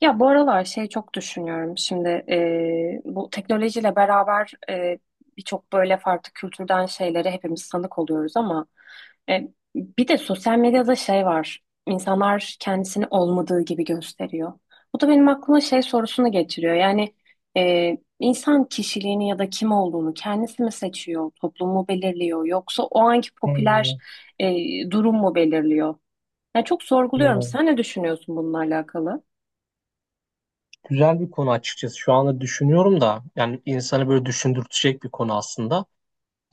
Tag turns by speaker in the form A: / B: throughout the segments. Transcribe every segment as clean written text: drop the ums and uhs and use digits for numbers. A: Ya bu aralar şey çok düşünüyorum şimdi bu teknolojiyle beraber birçok böyle farklı kültürden şeylere hepimiz tanık oluyoruz ama e, bir de sosyal medyada şey var, insanlar kendisini olmadığı gibi gösteriyor. Bu da benim aklıma şey sorusunu getiriyor. Yani insan kişiliğini ya da kim olduğunu kendisi mi seçiyor, toplumu belirliyor yoksa o anki popüler
B: Hmm,
A: durum mu belirliyor? Yani çok sorguluyorum,
B: hmm.
A: sen ne düşünüyorsun bununla alakalı?
B: Güzel bir konu açıkçası. Şu anda düşünüyorum da yani insanı böyle düşündürtecek bir konu aslında.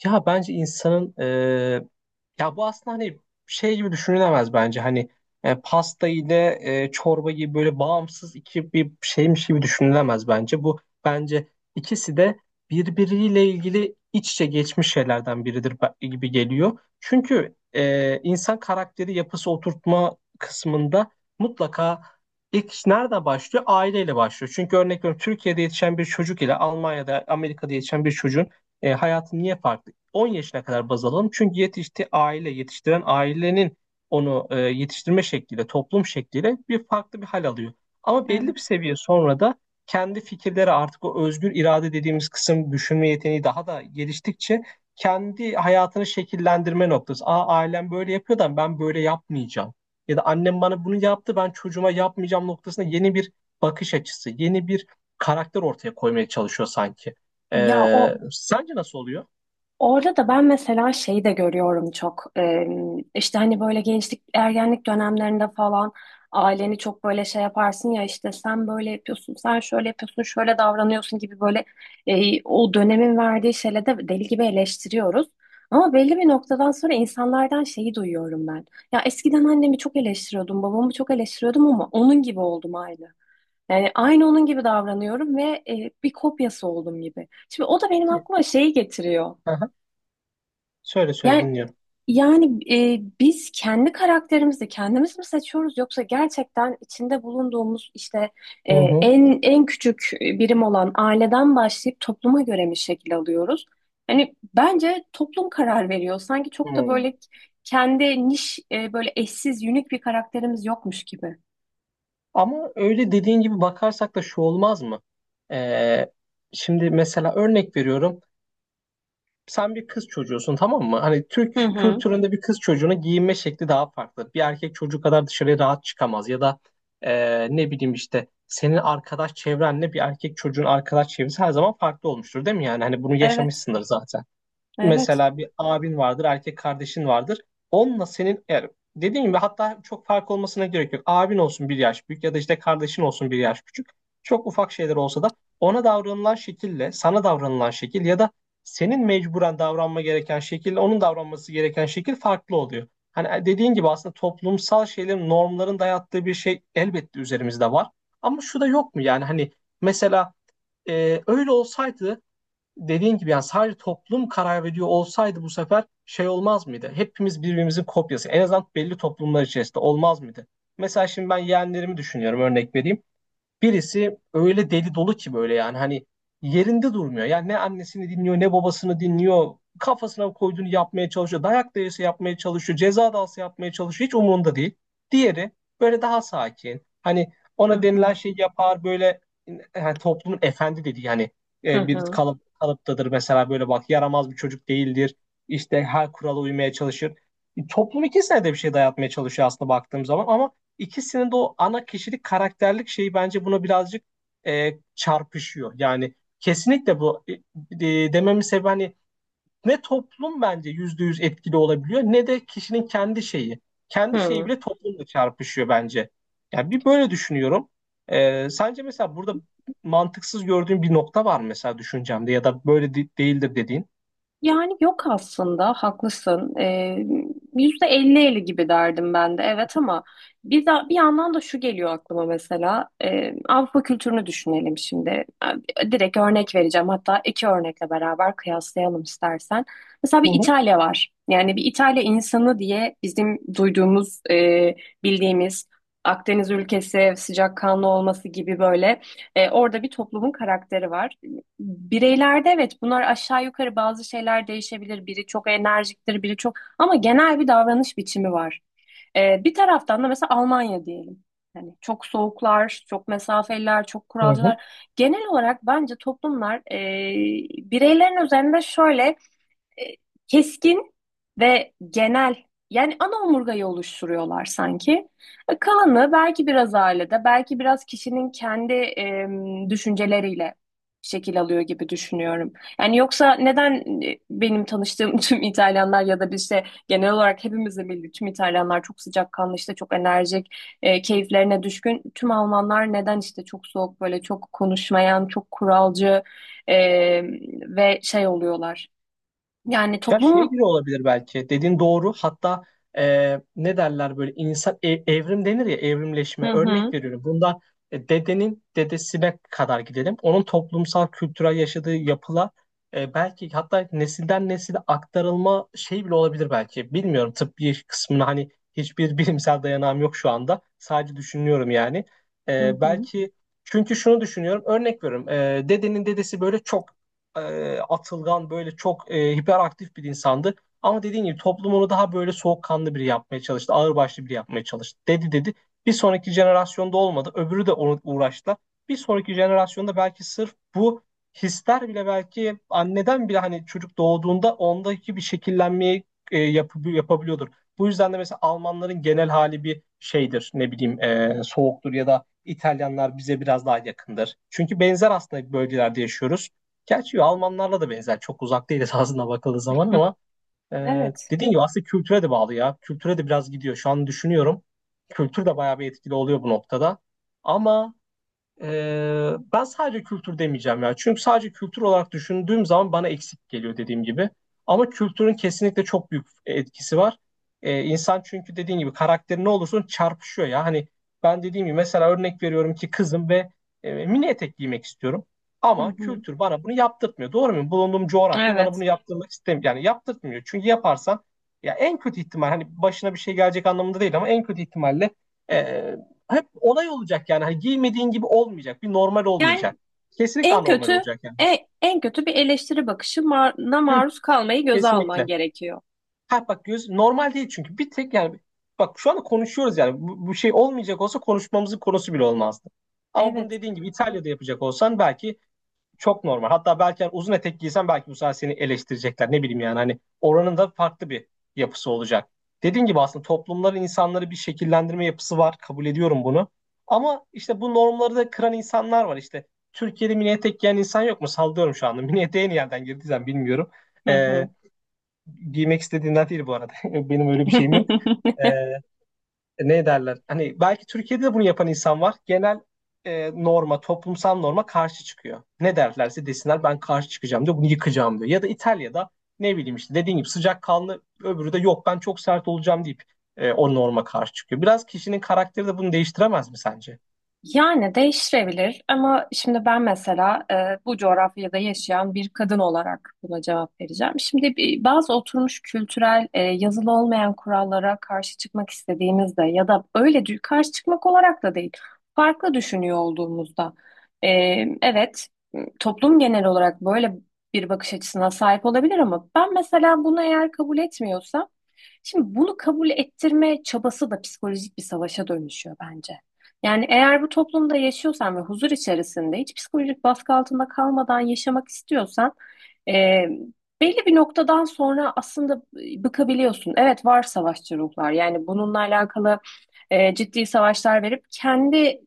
B: Ya bence insanın Ya bu aslında hani şey gibi düşünülemez bence hani pasta ile çorba gibi böyle bağımsız iki bir şeymiş gibi düşünülemez bence. Bu bence ikisi de birbiriyle ilgili iç içe geçmiş şeylerden biridir gibi geliyor. Çünkü insan karakteri yapısı oturtma kısmında mutlaka ilk iş nerede başlıyor? Aileyle başlıyor. Çünkü örnek veriyorum Türkiye'de yetişen bir çocuk ile Almanya'da, Amerika'da yetişen bir çocuğun hayatı niye farklı? 10 yaşına kadar baz alalım. Çünkü yetişti aile, yetiştiren ailenin onu yetiştirme şekliyle, toplum şekliyle bir farklı bir hal alıyor. Ama belli bir seviye sonra da kendi fikirleri artık o özgür irade dediğimiz kısım düşünme yeteneği daha da geliştikçe kendi hayatını şekillendirme noktası. Aa ailem böyle yapıyor da ben böyle yapmayacağım. Ya da annem bana bunu yaptı ben çocuğuma yapmayacağım noktasında yeni bir bakış açısı, yeni bir karakter ortaya koymaya çalışıyor sanki.
A: Ya
B: Ee,
A: o,
B: sence nasıl oluyor?
A: orada da ben mesela şeyi de görüyorum çok. İşte hani böyle gençlik, ergenlik dönemlerinde falan aileni çok böyle şey yaparsın ya, işte sen böyle yapıyorsun, sen şöyle yapıyorsun, şöyle davranıyorsun gibi böyle, o dönemin verdiği şeyle de deli gibi eleştiriyoruz. Ama belli bir noktadan sonra insanlardan şeyi duyuyorum ben. Ya eskiden annemi çok eleştiriyordum, babamı çok eleştiriyordum ama onun gibi oldum aynı. Yani aynı onun gibi davranıyorum ve bir kopyası oldum gibi. Şimdi o da benim
B: Peki.
A: aklıma şeyi getiriyor.
B: Aha. Söyle söyle
A: Yani
B: dinliyorum.
A: yani biz kendi karakterimizi kendimiz mi seçiyoruz yoksa gerçekten içinde bulunduğumuz işte
B: Hı
A: e,
B: hı.
A: en küçük birim olan aileden başlayıp topluma göre mi şekil alıyoruz? Hani bence toplum karar veriyor. Sanki çok da
B: Hmm.
A: böyle kendi niş, böyle eşsiz, unik bir karakterimiz yokmuş gibi.
B: Ama öyle dediğin gibi bakarsak da şu olmaz mı? Ee, şimdi mesela örnek veriyorum. Sen bir kız çocuğusun, tamam mı? Hani
A: Hı
B: Türk
A: hı.
B: kültüründe bir kız çocuğuna giyinme şekli daha farklı. Bir erkek çocuğu kadar dışarıya rahat çıkamaz. Ya da ne bileyim işte senin arkadaş çevrenle bir erkek çocuğun arkadaş çevresi her zaman farklı olmuştur, değil mi? Yani hani bunu
A: Evet.
B: yaşamışsındır zaten.
A: Evet.
B: Mesela bir abin vardır, erkek kardeşin vardır. Onunla senin eğer dediğim gibi hatta çok fark olmasına gerek yok. Abin olsun bir yaş büyük ya da işte kardeşin olsun bir yaş küçük. Çok ufak şeyler olsa da ona davranılan şekille, sana davranılan şekil ya da senin mecburen davranma gereken şekille onun davranması gereken şekil farklı oluyor. Hani dediğin gibi aslında toplumsal şeylerin, normların dayattığı bir şey elbette üzerimizde var. Ama şu da yok mu yani hani mesela öyle olsaydı dediğin gibi yani sadece toplum karar veriyor olsaydı bu sefer şey olmaz mıydı? Hepimiz birbirimizin kopyası. En azından belli toplumlar içerisinde olmaz mıydı? Mesela şimdi ben yeğenlerimi düşünüyorum, örnek vereyim. Birisi öyle deli dolu ki böyle yani hani yerinde durmuyor. Yani ne annesini dinliyor ne babasını dinliyor. Kafasına koyduğunu yapmaya çalışıyor. Dayak da yese yapmaya çalışıyor. Ceza da alsa yapmaya çalışıyor. Hiç umurunda değil. Diğeri böyle daha sakin. Hani
A: Hı
B: ona
A: hı.
B: denilen şeyi yapar böyle, yani toplumun efendi dediği yani
A: Hı
B: bir
A: hı.
B: kalıp, kalıptadır mesela, böyle bak yaramaz bir çocuk değildir. İşte her kurala uymaya çalışır. Toplum ikisine de bir şey dayatmaya çalışıyor aslında baktığım zaman, ama İkisinin de o ana kişilik karakterlik şeyi bence buna birazcık çarpışıyor. Yani kesinlikle bu dememin sebebi hani ne toplum bence %100 etkili olabiliyor ne de kişinin kendi şeyi. Kendi şeyi
A: Hı.
B: bile toplumla çarpışıyor bence. Yani bir böyle düşünüyorum. Sence mesela burada mantıksız gördüğün bir nokta var mı mesela düşüncemde ya da böyle değildir dediğin?
A: Yani yok, aslında haklısın. %50 %50 gibi derdim ben de, evet, ama bir yandan da şu geliyor aklıma. Mesela Avrupa kültürünü düşünelim şimdi. Direkt örnek vereceğim, hatta iki örnekle beraber kıyaslayalım istersen. Mesela
B: Hı
A: bir
B: hı.
A: İtalya var. Yani bir İtalya insanı diye bizim duyduğumuz, bildiğimiz Akdeniz ülkesi sıcakkanlı olması gibi böyle, orada bir toplumun karakteri var. Bireylerde evet, bunlar aşağı yukarı bazı şeyler değişebilir. Biri çok enerjiktir, biri çok, ama genel bir davranış biçimi var. Bir taraftan da mesela Almanya diyelim. Hani çok soğuklar, çok mesafeliler, çok
B: Hı hı.
A: kuralcılar. Genel olarak bence toplumlar bireylerin üzerinde şöyle e, keskin ve genel, yani ana omurgayı oluşturuyorlar sanki. E, kalanı belki biraz ailede, belki biraz kişinin kendi düşünceleriyle şekil alıyor gibi düşünüyorum. Yani yoksa neden benim tanıştığım tüm İtalyanlar ya da bir, işte genel olarak hepimizin bildiği tüm İtalyanlar çok sıcakkanlı, işte çok enerjik, keyiflerine düşkün. Tüm Almanlar neden işte çok soğuk, böyle çok konuşmayan, çok kuralcı e, ve şey oluyorlar, yani
B: Ya şey
A: toplum.
B: bile olabilir belki. Dediğin doğru. Hatta ne derler böyle insan evrim denir ya,
A: Hı
B: evrimleşme.
A: hı.
B: Örnek veriyorum. Bunda dedenin dedesine kadar gidelim. Onun toplumsal kültürel yaşadığı yapıla belki hatta nesilden nesile aktarılma şey bile olabilir belki. Bilmiyorum tıbbi kısmına hani hiçbir bilimsel dayanağım yok şu anda. Sadece düşünüyorum yani.
A: Hı
B: E,
A: hı.
B: belki çünkü şunu düşünüyorum. Örnek veriyorum. Dedenin dedesi böyle çok atılgan, böyle çok hiperaktif bir insandı. Ama dediğim gibi toplum onu daha böyle soğukkanlı biri yapmaya çalıştı. Ağırbaşlı biri yapmaya çalıştı. Dedi dedi. Bir sonraki jenerasyonda olmadı. Öbürü de onu uğraştılar. Bir sonraki jenerasyonda belki sırf bu hisler bile belki anneden bile hani çocuk doğduğunda ondaki bir şekillenmeyi yapabiliyordur. Bu yüzden de mesela Almanların genel hali bir şeydir, ne bileyim soğuktur ya da İtalyanlar bize biraz daha yakındır. Çünkü benzer aslında bölgelerde yaşıyoruz. Gerçi Almanlarla da benzer. Çok uzak değil esasında bakıldığı zaman,
A: Hı.
B: ama e,
A: Evet.
B: dediğin gibi aslında kültüre de bağlı ya. Kültüre de biraz gidiyor. Şu an düşünüyorum. Kültür de bayağı bir etkili oluyor bu noktada. Ama ben sadece kültür demeyeceğim ya. Çünkü sadece kültür olarak düşündüğüm zaman bana eksik geliyor, dediğim gibi. Ama kültürün kesinlikle çok büyük etkisi var. İnsan çünkü dediğim gibi karakteri ne olursun çarpışıyor ya. Hani ben dediğim gibi mesela örnek veriyorum ki, kızım ve mini etek giymek istiyorum.
A: Hı.
B: Ama
A: Hı.
B: kültür bana bunu yaptırtmıyor. Doğru mu? Bulunduğum coğrafya bana
A: Evet.
B: bunu yaptırmak istemiyor. Yani yaptırtmıyor. Çünkü yaparsan ya, en kötü ihtimal hani başına bir şey gelecek anlamında değil, ama en kötü ihtimalle e, hep onay olacak yani. Hani giymediğin gibi olmayacak. Bir normal
A: Yani
B: olmayacak. Kesinlikle
A: en
B: anormal
A: kötü,
B: olacak yani.
A: en kötü bir eleştiri bakışına
B: Hı,
A: maruz kalmayı göze alman
B: kesinlikle.
A: gerekiyor.
B: Ha bak, göz normal değil çünkü. Bir tek yani, bak şu anda konuşuyoruz yani. Bu şey olmayacak olsa konuşmamızın konusu bile olmazdı. Ama bunu
A: Evet.
B: dediğin gibi İtalya'da yapacak olsan belki çok normal. Hatta belki hani uzun etek giysen belki bu sefer seni eleştirecekler. Ne bileyim yani hani oranın da farklı bir yapısı olacak. Dediğim gibi aslında toplumların insanları bir şekillendirme yapısı var. Kabul ediyorum bunu. Ama işte bu normları da kıran insanlar var. İşte Türkiye'de mini etek giyen insan yok mu? Sallıyorum şu anda. Mini eteğe niye girdiysen bilmiyorum.
A: Hı hı.
B: Ee, giymek istediğinden değil bu arada. Benim öyle bir şeyim yok. Ee, ne derler? Hani belki Türkiye'de de bunu yapan insan var. Genel norma, toplumsal norma karşı çıkıyor. Ne derlerse desinler, ben karşı çıkacağım diyor, bunu yıkacağım diyor. Ya da İtalya'da ne bileyim işte dediğim gibi sıcakkanlı, öbürü de yok ben çok sert olacağım deyip o norma karşı çıkıyor. Biraz kişinin karakteri de bunu değiştiremez mi sence?
A: Yani değiştirebilir ama şimdi ben mesela bu coğrafyada yaşayan bir kadın olarak buna cevap vereceğim. Şimdi bazı oturmuş kültürel, yazılı olmayan kurallara karşı çıkmak istediğimizde ya da öyle karşı çıkmak olarak da değil, farklı düşünüyor olduğumuzda, e, evet, toplum genel olarak böyle bir bakış açısına sahip olabilir ama ben mesela bunu eğer kabul etmiyorsam, şimdi bunu kabul ettirme çabası da psikolojik bir savaşa dönüşüyor bence. Yani eğer bu toplumda yaşıyorsan ve huzur içerisinde, hiç psikolojik baskı altında kalmadan yaşamak istiyorsan, e, belli bir noktadan sonra aslında bıkabiliyorsun. Evet, var savaşçı ruhlar, yani bununla alakalı ciddi savaşlar verip kendi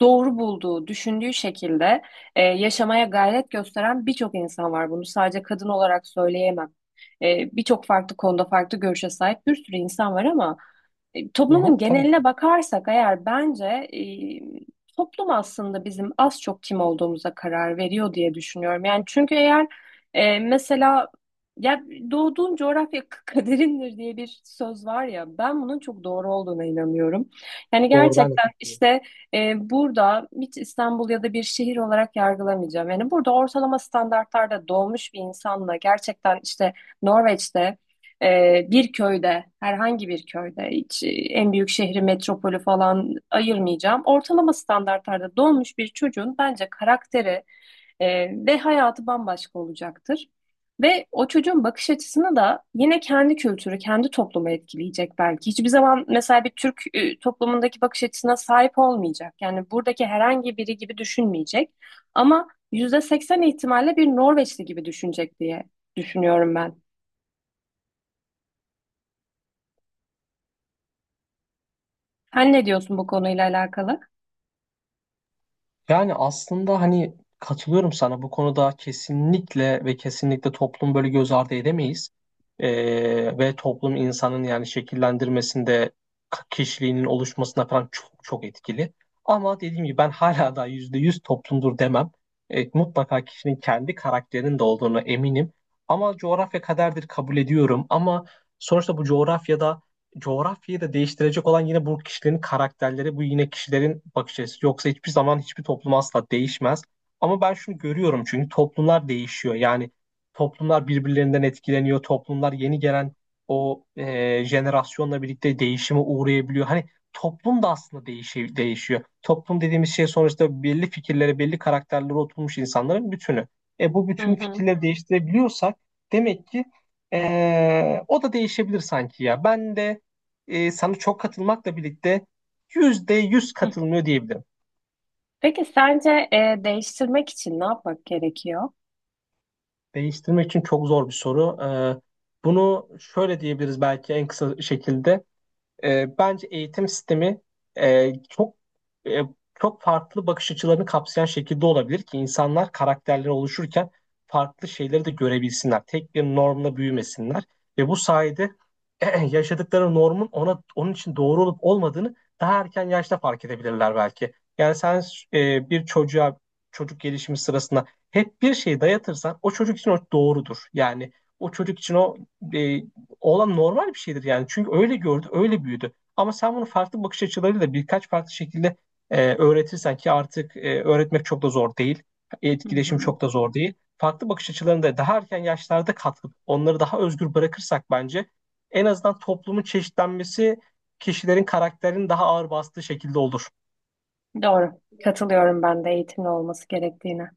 A: doğru bulduğu, düşündüğü şekilde yaşamaya gayret gösteren birçok insan var. Bunu sadece kadın olarak söyleyemem. E, birçok farklı konuda farklı görüşe sahip bir sürü insan var ama
B: Hı hı,
A: toplumun
B: tabii
A: geneline
B: ki.
A: bakarsak eğer, bence toplum aslında bizim az çok kim olduğumuza karar veriyor diye düşünüyorum. Yani çünkü eğer mesela, ya, doğduğun coğrafya kaderindir diye bir söz var ya, ben bunun çok doğru olduğuna inanıyorum. Yani
B: Doğru, ben de
A: gerçekten
B: katılıyorum.
A: işte burada hiç İstanbul ya da bir şehir olarak yargılamayacağım. Yani burada ortalama standartlarda doğmuş bir insanla gerçekten işte Norveç'te bir köyde, herhangi bir köyde, hiç en büyük şehri, metropolü falan ayırmayacağım. Ortalama standartlarda doğmuş bir çocuğun bence karakteri e, ve hayatı bambaşka olacaktır. Ve o çocuğun bakış açısını da yine kendi kültürü, kendi toplumu etkileyecek belki. Hiçbir zaman mesela bir Türk toplumundaki bakış açısına sahip olmayacak. Yani buradaki herhangi biri gibi düşünmeyecek. Ama %80 ihtimalle bir Norveçli gibi düşünecek diye düşünüyorum ben. Sen ne diyorsun bu konuyla alakalı?
B: Yani aslında hani katılıyorum sana bu konuda, kesinlikle ve kesinlikle toplum böyle göz ardı edemeyiz. Ve toplum insanın yani şekillendirmesinde kişiliğinin oluşmasına falan çok çok etkili. Ama dediğim gibi ben hala da %100 toplumdur demem. Mutlaka kişinin kendi karakterinin de olduğunu eminim. Ama coğrafya kaderdir, kabul ediyorum. Ama sonuçta bu coğrafyada coğrafyayı da değiştirecek olan yine bu kişilerin karakterleri, bu yine kişilerin bakış açısı. Yoksa hiçbir zaman hiçbir toplum asla değişmez. Ama ben şunu görüyorum, çünkü toplumlar değişiyor. Yani toplumlar birbirlerinden etkileniyor. Toplumlar yeni gelen o jenerasyonla birlikte değişime uğrayabiliyor. Hani toplum da aslında değişiyor. Toplum dediğimiz şey sonuçta belli fikirlere, belli karakterlere oturmuş insanların bütünü. Bu
A: Hı
B: bütün
A: hı.
B: fikirleri değiştirebiliyorsak demek ki o da değişebilir sanki ya. Ben de sana çok katılmakla birlikte %100
A: Hı.
B: katılmıyor diyebilirim.
A: Peki sence değiştirmek için ne yapmak gerekiyor?
B: Değiştirmek için çok zor bir soru. Bunu şöyle diyebiliriz belki en kısa şekilde. Bence eğitim sistemi çok e, çok farklı bakış açılarını kapsayan şekilde olabilir ki insanlar karakterleri oluşurken farklı şeyleri de görebilsinler. Tek bir normla büyümesinler ve bu sayede yaşadıkları normun ona onun için doğru olup olmadığını daha erken yaşta fark edebilirler belki. Yani sen bir çocuğa çocuk gelişimi sırasında hep bir şey dayatırsan o çocuk için o doğrudur. Yani o çocuk için o e, olan normal bir şeydir yani. Çünkü öyle gördü, öyle büyüdü. Ama sen bunu farklı bakış açılarıyla birkaç farklı şekilde öğretirsen ki artık öğretmek çok da zor değil.
A: Hı
B: Etkileşim
A: hı.
B: çok da zor değil. Farklı bakış açılarında daha erken yaşlarda katkı, onları daha özgür bırakırsak bence en azından toplumun çeşitlenmesi kişilerin karakterinin daha ağır bastığı şekilde olur.
A: Doğru. Katılıyorum ben de eğitimli olması gerektiğine.